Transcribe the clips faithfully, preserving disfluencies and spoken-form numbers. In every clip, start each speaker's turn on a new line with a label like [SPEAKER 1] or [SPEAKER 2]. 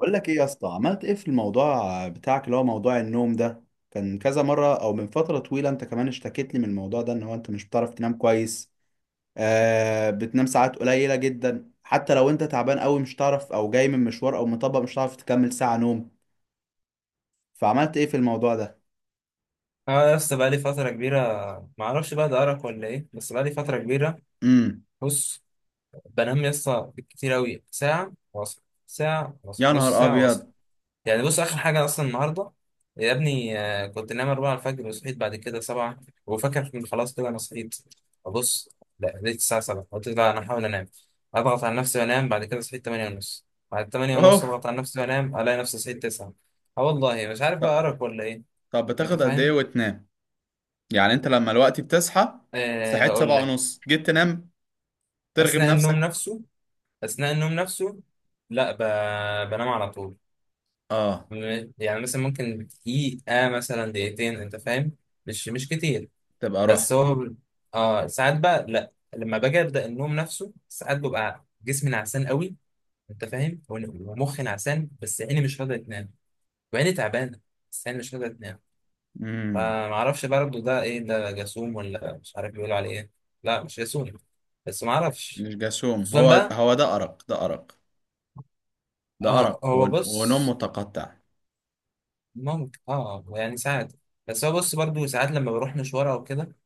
[SPEAKER 1] بقول لك ايه يا اسطى؟ عملت ايه في الموضوع بتاعك اللي هو موضوع النوم ده؟ كان كذا مرة او من فترة طويلة انت كمان اشتكيت لي من الموضوع ده، ان هو انت مش بتعرف تنام كويس. آه، بتنام ساعات قليلة جدا، حتى لو انت تعبان قوي مش تعرف، او جاي من مشوار او مطبق مش هتعرف تكمل ساعة نوم. فعملت ايه في الموضوع ده؟
[SPEAKER 2] اه، يا اسطى بقالي فترة كبيرة. ما اعرفش بقى ده أرق ولا ايه، بس بقالي فترة كبيرة.
[SPEAKER 1] امم
[SPEAKER 2] بص، بنام يا اسطى كتير أوي ساعة واصل، ساعة واصل،
[SPEAKER 1] يا
[SPEAKER 2] نص
[SPEAKER 1] نهار
[SPEAKER 2] ساعة واصل.
[SPEAKER 1] ابيض.
[SPEAKER 2] يعني بص آخر حاجة أصلا النهاردة يا ابني، آه، كنت نايم أربعة الفجر وصحيت بعد كده سبعة. وفاكر إن خلاص كده أنا صحيت. أبص، لا، لقيت الساعة سبعة، قلت لا أنا هحاول أنام، أضغط على نفسي وأنام. بعد كده صحيت تمانية ونص، بعد تمانية
[SPEAKER 1] اوه.
[SPEAKER 2] ونص أضغط على نفسي وأنام ألاقي نفسي صحيت تسعة. اه، والله مش عارف بقى
[SPEAKER 1] طب
[SPEAKER 2] أرق ولا ايه.
[SPEAKER 1] طب
[SPEAKER 2] أنت
[SPEAKER 1] بتاخد قد ايه
[SPEAKER 2] فاهم؟
[SPEAKER 1] وتنام؟ يعني انت لما الوقت بتصحى؟
[SPEAKER 2] أه،
[SPEAKER 1] صحيت
[SPEAKER 2] هقول
[SPEAKER 1] سبعة
[SPEAKER 2] لك.
[SPEAKER 1] ونص جيت تنام، ترغب
[SPEAKER 2] اثناء النوم
[SPEAKER 1] نفسك؟
[SPEAKER 2] نفسه، اثناء النوم نفسه. لا، ب... بنام على طول.
[SPEAKER 1] اه.
[SPEAKER 2] م- يعني مثلا ممكن دقيقة مثلا دقيقتين، انت فاهم. مش مش كتير.
[SPEAKER 1] تبقى رحت.
[SPEAKER 2] بس هو، اه، ساعات بقى لا. لما باجي ابدا النوم نفسه ساعات ببقى جسمي نعسان قوي. انت فاهم؟ ون- ومخي نعسان، بس عيني مش راضيه تنام. وعيني تعبانه. بس عيني مش راضيه تنام.
[SPEAKER 1] مم.
[SPEAKER 2] فمعرفش برضه ده ايه، ده جاسوم ولا مش عارف بيقولوا عليه ايه. لا، مش جاسوم. بس معرفش.
[SPEAKER 1] مش جاسوم،
[SPEAKER 2] خصوصا
[SPEAKER 1] هو
[SPEAKER 2] بقى.
[SPEAKER 1] هو ده أرق، ده أرق، ده أرق
[SPEAKER 2] آه هو
[SPEAKER 1] ون- ونوم
[SPEAKER 2] بص،
[SPEAKER 1] متقطع.
[SPEAKER 2] ممكن اه آه، يعني ساعات. بس هو بص برضو ساعات لما بروح مشوار او كده،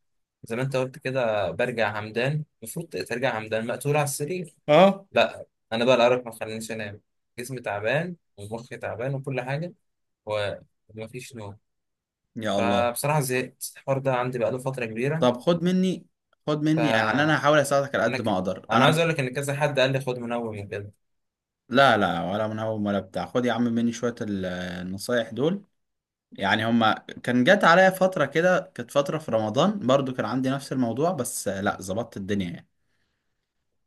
[SPEAKER 2] زي ما انت قلت كده برجع همدان، المفروض ترجع همدان مقتول على السرير.
[SPEAKER 1] اه.
[SPEAKER 2] لا، انا بقى الارق ما خلانيش انام. جسمي تعبان ومخي تعبان وكل حاجه. ومفيش نوم.
[SPEAKER 1] يا الله.
[SPEAKER 2] فبصراحه زهقت الحوار ده، عندي بقاله فتره كبيره.
[SPEAKER 1] طب خد مني خد مني يعني أنا
[SPEAKER 2] فانا
[SPEAKER 1] هحاول أساعدك على قد ما
[SPEAKER 2] ك...
[SPEAKER 1] أقدر
[SPEAKER 2] انا عايز
[SPEAKER 1] أنا.
[SPEAKER 2] اقول لك ان كذا حد قال لي خد منوم وكده.
[SPEAKER 1] لا لا، ولا منهوم ولا بتاع، خد يا عم مني شوية ال- النصايح دول. يعني هما كان جات عليا فترة كده، كانت فترة في رمضان برضو كان عندي نفس الموضوع، بس آه، لا ظبطت الدنيا يعني.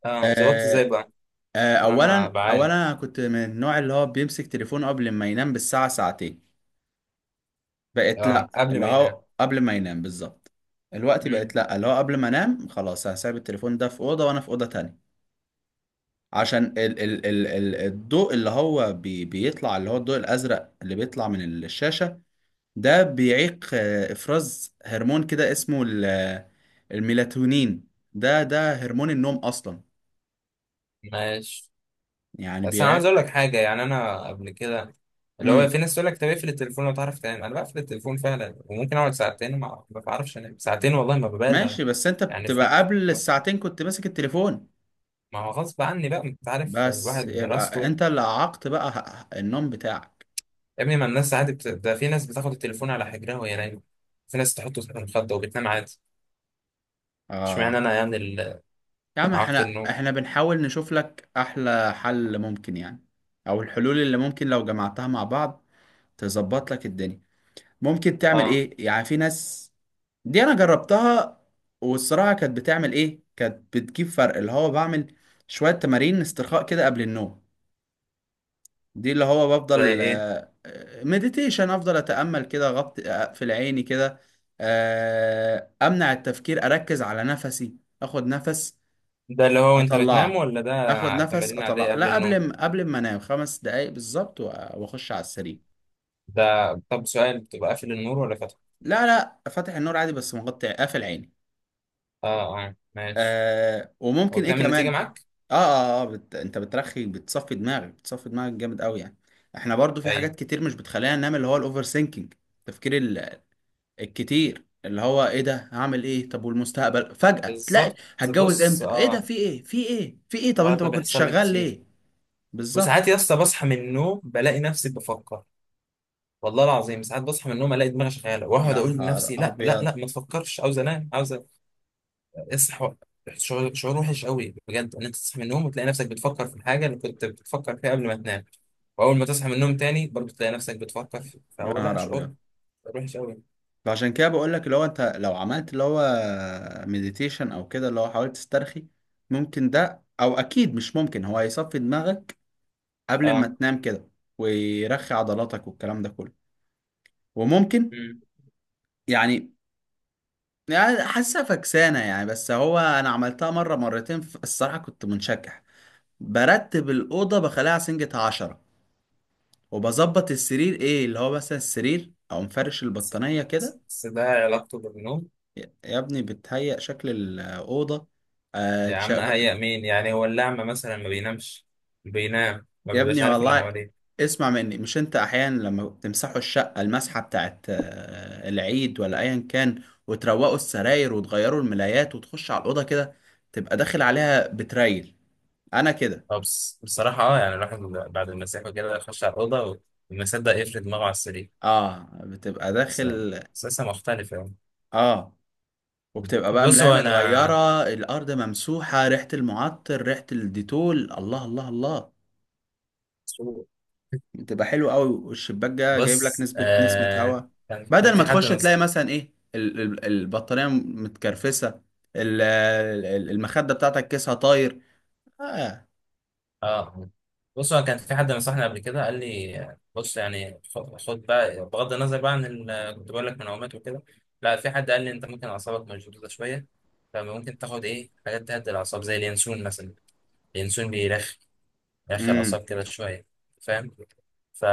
[SPEAKER 2] اه، ظبطت
[SPEAKER 1] آه،
[SPEAKER 2] ازاي بقى؟
[SPEAKER 1] آه،
[SPEAKER 2] عشان انا
[SPEAKER 1] أولا أولا
[SPEAKER 2] بعاني.
[SPEAKER 1] أنا كنت من النوع اللي هو بيمسك تليفونه قبل ما ينام بالساعة ساعتين. بقت
[SPEAKER 2] اه،
[SPEAKER 1] لا،
[SPEAKER 2] قبل
[SPEAKER 1] اللي
[SPEAKER 2] ما ينام.
[SPEAKER 1] هو قبل ما ينام بالظبط الوقت، بقت
[SPEAKER 2] مم.
[SPEAKER 1] لا اللي هو قبل ما انام خلاص هسيب التليفون ده في اوضه وانا في اوضه تانية. عشان ال ال ال ال الضوء اللي هو بي بيطلع، اللي هو الضوء الازرق اللي بيطلع من الشاشه، ده بيعيق آه، افراز هرمون كده اسمه ال- آه، الميلاتونين. ده ده هرمون النوم اصلا.
[SPEAKER 2] ماشي،
[SPEAKER 1] يعني
[SPEAKER 2] بس انا
[SPEAKER 1] بيعيق.
[SPEAKER 2] عايز اقول لك حاجه، يعني انا قبل كده اللي هو
[SPEAKER 1] امم
[SPEAKER 2] في ناس تقول لك طب اقفل التليفون لو تعرف تنام، انا بقفل التليفون فعلا وممكن اقعد ساعتين ما ما بعرفش انام ساعتين والله ما ببالغ.
[SPEAKER 1] ماشي، بس انت
[SPEAKER 2] يعني في،
[SPEAKER 1] بتبقى قبل الساعتين كنت ماسك التليفون.
[SPEAKER 2] ما هو غصب عني بقى، انت عارف
[SPEAKER 1] بس
[SPEAKER 2] الواحد
[SPEAKER 1] يبقى
[SPEAKER 2] دراسته.
[SPEAKER 1] انت اللي عاقت بقى ه- ه- النوم بتاعك.
[SPEAKER 2] يا ابني ما الناس عادي، بت... ده في ناس بتاخد التليفون على حجرها وهي نايمه. في ناس تحطه تحت المخده وبتنام عادي.
[SPEAKER 1] اه.
[SPEAKER 2] اشمعنى انا يعني ال-
[SPEAKER 1] يا عم
[SPEAKER 2] اعاقه
[SPEAKER 1] احنا
[SPEAKER 2] النوم.
[SPEAKER 1] احنا بنحاول نشوف لك احلى حل ممكن يعني، او الحلول اللي ممكن لو جمعتها مع بعض تظبط لك الدنيا. ممكن تعمل
[SPEAKER 2] اه.
[SPEAKER 1] ايه؟ يعني في ناس دي انا جربتها، والصراحة كانت بتعمل ايه، كانت بتجيب فرق. اللي هو بعمل شوية تمارين استرخاء كده قبل النوم، دي اللي هو
[SPEAKER 2] ده
[SPEAKER 1] بفضل.
[SPEAKER 2] ايه؟
[SPEAKER 1] مديتيشن، افضل اتأمل كده غط، اقفل عيني كده، آه، امنع التفكير، اركز على نفسي، اخد نفس
[SPEAKER 2] ده اللي هو انت بتنام
[SPEAKER 1] اطلعه،
[SPEAKER 2] ولا
[SPEAKER 1] اخد
[SPEAKER 2] ده
[SPEAKER 1] نفس
[SPEAKER 2] تمارين
[SPEAKER 1] اطلع،
[SPEAKER 2] عاديه قبل
[SPEAKER 1] لا
[SPEAKER 2] النوم؟
[SPEAKER 1] قبل ما قبل ما انام خمس دقايق بالظبط، وأ- واخش على السرير.
[SPEAKER 2] ده طب سؤال، بتبقى قافل النور ولا فاتحه؟
[SPEAKER 1] لا لا، فاتح النور عادي، بس مغطي قافل عيني.
[SPEAKER 2] اه، اه، ماشي.
[SPEAKER 1] آه
[SPEAKER 2] هو
[SPEAKER 1] وممكن ايه
[SPEAKER 2] بتعمل نتيجة
[SPEAKER 1] كمان.
[SPEAKER 2] معاك؟
[SPEAKER 1] اه اه، آه بت... انت بترخي، بتصفي دماغك، بتصفي دماغك جامد قوي يعني. احنا برضو في
[SPEAKER 2] أيوة.
[SPEAKER 1] حاجات كتير مش بتخلينا ننام، اللي هو الاوفر سينكينج، التفكير ال- الكتير، اللي هو ايه ده، هعمل ايه، طب والمستقبل، فجأة تلاقي
[SPEAKER 2] بالظبط.
[SPEAKER 1] هتجوز
[SPEAKER 2] بص،
[SPEAKER 1] امتى، ايه ده،
[SPEAKER 2] اه،
[SPEAKER 1] في ايه في ايه في ايه، طب
[SPEAKER 2] اه،
[SPEAKER 1] انت
[SPEAKER 2] ده
[SPEAKER 1] ما كنت
[SPEAKER 2] بيحصل لي
[SPEAKER 1] شغال
[SPEAKER 2] كتير.
[SPEAKER 1] ليه. بالظبط.
[SPEAKER 2] وساعات يا اسطى بصحى من النوم بلاقي نفسي بفكر. والله العظيم ساعات بصحى من النوم الاقي دماغي شغاله، واقعد
[SPEAKER 1] يا
[SPEAKER 2] اقول
[SPEAKER 1] نهار
[SPEAKER 2] لنفسي لا لا
[SPEAKER 1] ابيض.
[SPEAKER 2] لا، ما تفكرش، عاوز انام، عاوز اصحى. شعور، شعور وحش قوي بجد، ان انت تصحى من النوم وتلاقي نفسك بتفكر في الحاجه اللي كنت بتفكر فيها قبل ما تنام. واول ما تصحى من النوم تاني برضه تلاقي نفسك بتفكر في-
[SPEAKER 1] يا
[SPEAKER 2] فهو، لا،
[SPEAKER 1] نهار ابيض.
[SPEAKER 2] شعور، شعور وحش قوي.
[SPEAKER 1] فعشان كده بقول لك اللي هو انت لو عملت اللي هو مديتيشن او كده، اللي هو حاولت تسترخي، ممكن ده او اكيد مش ممكن، هو هيصفي دماغك قبل
[SPEAKER 2] اه.
[SPEAKER 1] ما تنام كده، ويرخي عضلاتك والكلام ده كله. وممكن
[SPEAKER 2] امم
[SPEAKER 1] يعني يعني حاسه فكسانه يعني، بس هو انا عملتها مره مرتين ف- الصراحه كنت منشكح. برتب الاوضه، بخليها سنجة عشرة، وبظبط السرير، ايه اللي هو مثلا السرير، او مفرش
[SPEAKER 2] بس،
[SPEAKER 1] البطانيه كده.
[SPEAKER 2] بس ده علاقته بالنوم؟
[SPEAKER 1] يا ابني بتهيأ شكل الأوضة. آه،
[SPEAKER 2] يا عم
[SPEAKER 1] تشغ-
[SPEAKER 2] اهيأ مين يعني، هو اللعمة مثلا ما بينامش؟ بينام ما
[SPEAKER 1] يا
[SPEAKER 2] بيبقاش
[SPEAKER 1] ابني
[SPEAKER 2] عارف اللي
[SPEAKER 1] والله
[SPEAKER 2] حواليه.
[SPEAKER 1] اسمع مني، مش انت احيانا لما بتمسحوا الشقة المسحة بتاعت آه، العيد ولا ايا كان، وتروقوا السراير وتغيروا الملايات وتخش على الأوضة كده، تبقى داخل عليها بتريل. انا كده.
[SPEAKER 2] أه، بس بصراحة، أه يعني الواحد بعد المسيح وكده يخش على الأوضة وما يصدق يفرد دماغه على السرير.
[SPEAKER 1] اه بتبقى
[SPEAKER 2] بس،
[SPEAKER 1] داخل.
[SPEAKER 2] بس لسه مختلف يعني.
[SPEAKER 1] اه وبتبقى بقى
[SPEAKER 2] بص
[SPEAKER 1] ملاية
[SPEAKER 2] هو أنا،
[SPEAKER 1] متغيرة، الأرض ممسوحة، ريحة المعطر، ريحة الديتول، الله الله الله، بتبقى حلوة قوي، والشباك ده جايب لك
[SPEAKER 2] بص،
[SPEAKER 1] نسبة نسمة
[SPEAKER 2] آه
[SPEAKER 1] هواء،
[SPEAKER 2] كان كان
[SPEAKER 1] بدل ما
[SPEAKER 2] في حد.
[SPEAKER 1] تخش تلاقي مثلا ايه ال- ال- البطارية متكرفسة، ال- ال- المخدة بتاعتك كيسها طاير. اه.
[SPEAKER 2] اه، بص، هو كان في حد نصحني قبل كده قال لي بص يعني خد، خد بقى بغض النظر بقى عن ال- كنت بقول لك منومات وكده. لا، في حد قال لي انت ممكن اعصابك مشدوده شويه، فممكن تاخد ايه حاجات تهدي الاعصاب زي اليانسون مثلا. اليانسون بيرخي، يرخي
[SPEAKER 1] امم
[SPEAKER 2] الاعصاب كده شويه. فاهم؟ ف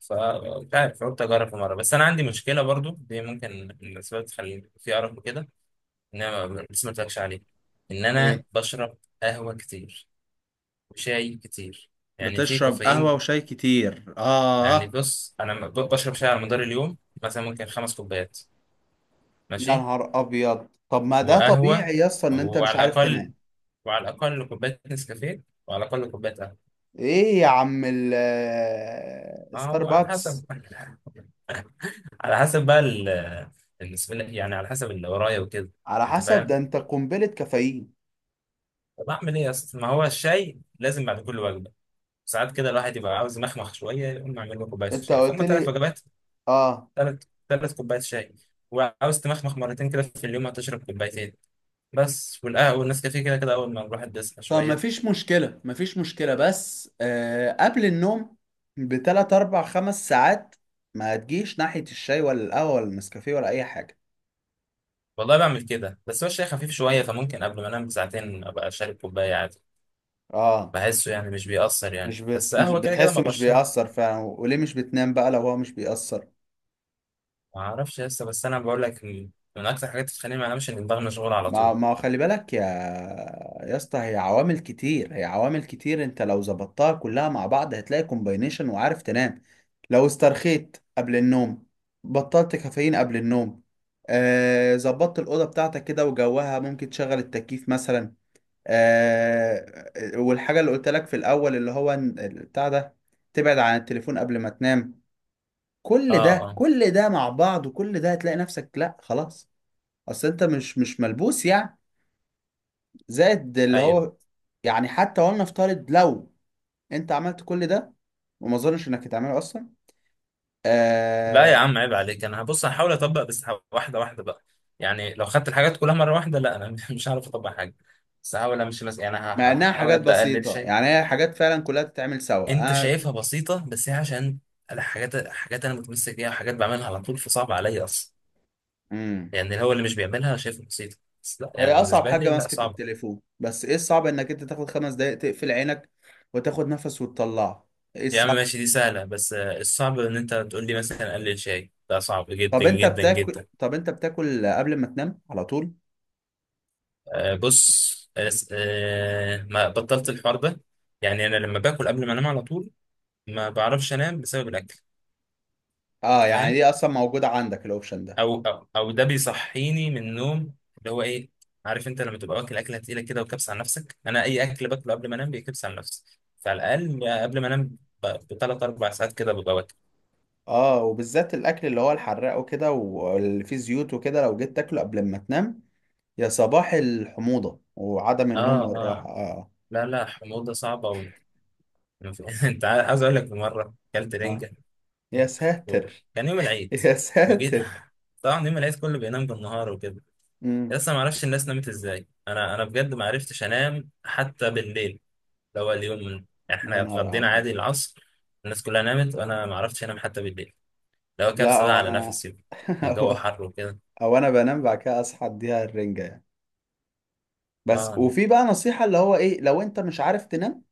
[SPEAKER 2] ف مش عارف، قلت اجرب مره. بس انا عندي مشكله برضو دي ممكن من الاسباب تخلي في ارق وكده، ان انا ما- لسه ما قلتلكش عليه، ان
[SPEAKER 1] ايه.
[SPEAKER 2] انا بشرب قهوه كتير وشاي كتير. يعني في
[SPEAKER 1] بتشرب
[SPEAKER 2] كافيين.
[SPEAKER 1] قهوة وشاي كتير
[SPEAKER 2] يعني
[SPEAKER 1] اه.
[SPEAKER 2] بص انا ب- بشرب شاي على مدار اليوم، مثلا ممكن خمس كوبايات.
[SPEAKER 1] يا
[SPEAKER 2] ماشي.
[SPEAKER 1] نهار ابيض، طب ما ده
[SPEAKER 2] وقهوه.
[SPEAKER 1] طبيعي يا اسطى ان انت مش
[SPEAKER 2] وعلى
[SPEAKER 1] عارف تنام.
[SPEAKER 2] الاقل وعلى الاقل كوبايه نسكافيه، وعلى الاقل كوبايه قهوه.
[SPEAKER 1] ايه يا عم ال-
[SPEAKER 2] اه، وعلى حسب
[SPEAKER 1] ستاربكس،
[SPEAKER 2] على حسب بقى ال ال- بسم الله، يعني على حسب اللي ورايا وكده.
[SPEAKER 1] على
[SPEAKER 2] انت
[SPEAKER 1] حسب ده
[SPEAKER 2] فاهم؟
[SPEAKER 1] انت قنبلة كافيين.
[SPEAKER 2] طب اعمل ايه يا اسطى، ما هو الشاي لازم بعد كل وجبه. ساعات كده الواحد يبقى عاوز يمخمخ شويه، يقوم اعمل له كوبايه
[SPEAKER 1] انت
[SPEAKER 2] شاي.
[SPEAKER 1] قلت
[SPEAKER 2] فهم ثلاث
[SPEAKER 1] لي
[SPEAKER 2] وجبات،
[SPEAKER 1] اه.
[SPEAKER 2] ثلاث ثلاث كوبايات شاي. وعاوز تمخمخ مرتين كده في اليوم هتشرب كوبايتين. بس والقهوة والنسكافيه كده كده أول ما الواحد بيصحى
[SPEAKER 1] طب
[SPEAKER 2] شوية.
[SPEAKER 1] مفيش مشكلة، مفيش مشكلة، بس آه قبل النوم بتلات أربع خمس ساعات ما تجيش ناحية الشاي ولا القهوة ولا النسكافيه ولا أي حاجة.
[SPEAKER 2] والله بعمل كده، بس هو الشاي خفيف شوية، فممكن قبل ما أنام بساعتين أبقى شارب كوباية عادي.
[SPEAKER 1] اه.
[SPEAKER 2] بحسه يعني مش بيأثر يعني،
[SPEAKER 1] مش
[SPEAKER 2] بس
[SPEAKER 1] بت... مش
[SPEAKER 2] قهوة كده كده ما
[SPEAKER 1] بتحسه مش
[SPEAKER 2] بشرب.
[SPEAKER 1] بيأثر فعلا، وليه مش بتنام بقى لو هو مش بيأثر؟
[SPEAKER 2] ما أعرفش لسه، بس أنا بقول لك، من من أكتر حاجات بتخليني ما أنامش إن دماغي مشغول على
[SPEAKER 1] ما
[SPEAKER 2] طول.
[SPEAKER 1] ما خلي بالك يا يا اسطى، هي عوامل كتير هي عوامل كتير، انت لو ظبطتها كلها مع بعض هتلاقي كومباينيشن وعارف تنام. لو استرخيت قبل النوم، بطلت كافيين قبل النوم، آه ظبطت الأوضة بتاعتك كده وجوها، ممكن تشغل التكييف مثلا، آه، والحاجة اللي قلت لك في الأول، اللي هو إن- بتاع ده تبعد عن التليفون قبل ما تنام،
[SPEAKER 2] أه،
[SPEAKER 1] كل ده
[SPEAKER 2] أه،
[SPEAKER 1] كل ده مع بعض، وكل ده هتلاقي نفسك لا خلاص، اصل انت مش مش ملبوس يعني، زائد اللي
[SPEAKER 2] أيوه.
[SPEAKER 1] هو، يعني حتى ولنفترض لو انت عملت كل ده، وما اظنش انك هتعمله اصلا
[SPEAKER 2] لا يا
[SPEAKER 1] آه،
[SPEAKER 2] عم عيب عليك، انا هبص هحاول اطبق، بس ه- واحده واحده بقى. يعني لو خدت الحاجات كلها مره واحده، لا انا مش هعرف اطبق حاجه. بس هحاول امشي مثلا يعني، ه- ه-
[SPEAKER 1] مع انها
[SPEAKER 2] هحاول
[SPEAKER 1] حاجات
[SPEAKER 2] ابدا اقلل
[SPEAKER 1] بسيطة،
[SPEAKER 2] شيء.
[SPEAKER 1] يعني هي حاجات فعلا كلها تتعمل سوا
[SPEAKER 2] انت
[SPEAKER 1] انا.
[SPEAKER 2] شايفها بسيطه بس هي عشان، الحاجات حاجات انا متمسك بيها وحاجات بعملها على طول، فصعب عليا اصلا.
[SPEAKER 1] امم
[SPEAKER 2] يعني هو اللي مش بيعملها شايفها بسيطه، بس لا
[SPEAKER 1] هي
[SPEAKER 2] يعني،
[SPEAKER 1] اصعب
[SPEAKER 2] بالنسبه
[SPEAKER 1] حاجة
[SPEAKER 2] لي لا
[SPEAKER 1] ماسكة
[SPEAKER 2] صعبه.
[SPEAKER 1] التليفون، بس ايه الصعب انك انت تاخد خمس دقايق تقفل عينك، وتاخد نفس وتطلعه؟ ايه
[SPEAKER 2] يا عم
[SPEAKER 1] الصعب؟
[SPEAKER 2] ماشي دي سهله، بس آه، الصعب ان انت تقول لي مثلا قلل شيء، ده صعب جدا
[SPEAKER 1] طب انت
[SPEAKER 2] جدا
[SPEAKER 1] بتاكل،
[SPEAKER 2] جدا.
[SPEAKER 1] طب انت بتاكل قبل ما تنام على طول؟
[SPEAKER 2] آه، بص، آه، ما بطلت الحوار ده. يعني انا لما باكل قبل ما انام على طول ما بعرفش انام بسبب الاكل. انت
[SPEAKER 1] اه، يعني
[SPEAKER 2] فاهم؟
[SPEAKER 1] دي اصلا موجودة عندك الاوبشن ده.
[SPEAKER 2] او او او ده بيصحيني من النوم اللي هو ايه، عارف انت لما تبقى واكل اكله تقيله كده وكبس على نفسك. انا اي اكل باكله قبل ما انام بيكبس على نفسي. فعلى الاقل قبل ما انام بثلاث اربع ساعات كده ببقى واكل.
[SPEAKER 1] اه، وبالذات الاكل اللي هو الحراق وكده، واللي فيه زيوت وكده، لو جيت تاكله قبل ما تنام، يا صباح الحموضة وعدم النوم
[SPEAKER 2] اه،
[SPEAKER 1] والراحة.
[SPEAKER 2] اه،
[SPEAKER 1] اه
[SPEAKER 2] لا، لا، حموضه صعبه و... انت عا- عايز اقول لك في مره اكلت
[SPEAKER 1] اه.
[SPEAKER 2] رنجه.
[SPEAKER 1] يا ساتر.
[SPEAKER 2] كان يوم العيد.
[SPEAKER 1] يا
[SPEAKER 2] وجيت،
[SPEAKER 1] ساتر.
[SPEAKER 2] طبعا يوم العيد كله بينام بالنهار وكده.
[SPEAKER 1] امم
[SPEAKER 2] لسه ما اعرفش الناس نامت ازاي، انا انا بجد ما عرفتش انام حتى بالليل. اللي هو اليوم من- يعني احنا
[SPEAKER 1] يا نهار
[SPEAKER 2] اتغدينا
[SPEAKER 1] ابيض.
[SPEAKER 2] عادي العصر. الناس كلها نامت وانا ما عرفتش انام حتى بالليل. اللي هو
[SPEAKER 1] لا
[SPEAKER 2] كبس بقى
[SPEAKER 1] هو
[SPEAKER 2] على
[SPEAKER 1] انا.
[SPEAKER 2] نفسي. كان جو
[SPEAKER 1] هو
[SPEAKER 2] حر وكده.
[SPEAKER 1] هو انا بنام بعد كده اصحى اديها الرنجة يعني. بس،
[SPEAKER 2] اه،
[SPEAKER 1] وفي بقى نصيحة، اللي هو ايه، لو انت مش عارف تنام،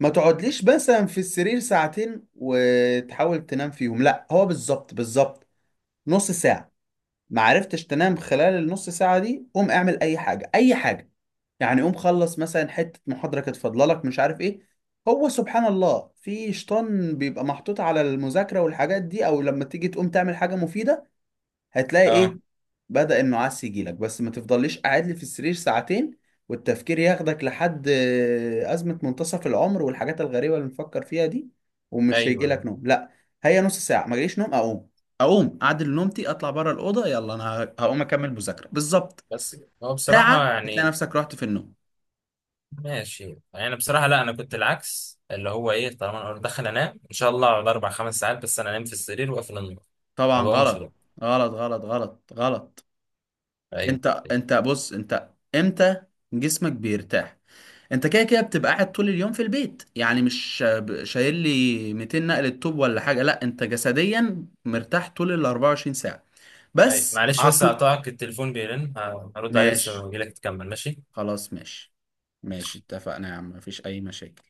[SPEAKER 1] ما تقعدليش مثلا في السرير ساعتين وتحاول تنام فيهم لا. هو بالظبط بالظبط، نص ساعة ما عرفتش تنام خلال النص ساعة دي، قوم اعمل أي حاجة، أي حاجة. يعني قوم خلص مثلا حتة محاضرة كانت فاضلة لك مش عارف إيه، هو سبحان الله في شيطان بيبقى محطوط على المذاكرة والحاجات دي، أو لما تيجي تقوم تعمل حاجة مفيدة هتلاقي
[SPEAKER 2] اه،
[SPEAKER 1] ايه، بدأ النعاس يجيلك. بس ما تفضليش قاعد لي في السرير ساعتين، والتفكير ياخدك لحد آه، أزمة منتصف العمر والحاجات الغريبة اللي نفكر فيها دي، ومش
[SPEAKER 2] ايوه، أيوة.
[SPEAKER 1] هيجيلك نوم لا. هي نص ساعة ما جاليش نوم، أقوم أقوم أعدل نومتي، أطلع بره الأوضة، يلا أنا هقوم أكمل مذاكرة بالظبط.
[SPEAKER 2] بس كده. هو
[SPEAKER 1] ساعة
[SPEAKER 2] بصراحه
[SPEAKER 1] هتلاقي
[SPEAKER 2] يعني
[SPEAKER 1] نفسك رحت في النوم.
[SPEAKER 2] ماشي، يعني بصراحه لا انا كنت العكس اللي هو ايه، طالما انا دخل انام ان شاء الله على اربع خمس ساعات، بس انا انام في السرير واقفل النور، ما
[SPEAKER 1] طبعا
[SPEAKER 2] بقومش.
[SPEAKER 1] غلط، غلط غلط غلط غلط.
[SPEAKER 2] ايوه.
[SPEAKER 1] أنت أنت بص أنت، إمتى جسمك بيرتاح؟ انت كده كده بتبقى قاعد طول اليوم في البيت، يعني مش ب- شايل لي ميتين نقلة طوب ولا حاجة، لا انت جسديا مرتاح طول ال أربعة وعشرين ساعة،
[SPEAKER 2] ايوه
[SPEAKER 1] بس
[SPEAKER 2] معلش بس
[SPEAKER 1] عقل.
[SPEAKER 2] هقطعك، التليفون بيرن، ه- هرد عليه، بس
[SPEAKER 1] ماشي،
[SPEAKER 2] لما اجيلك تكمل. ماشي.
[SPEAKER 1] خلاص ماشي، ماشي اتفقنا يا عم، مفيش اي مشاكل.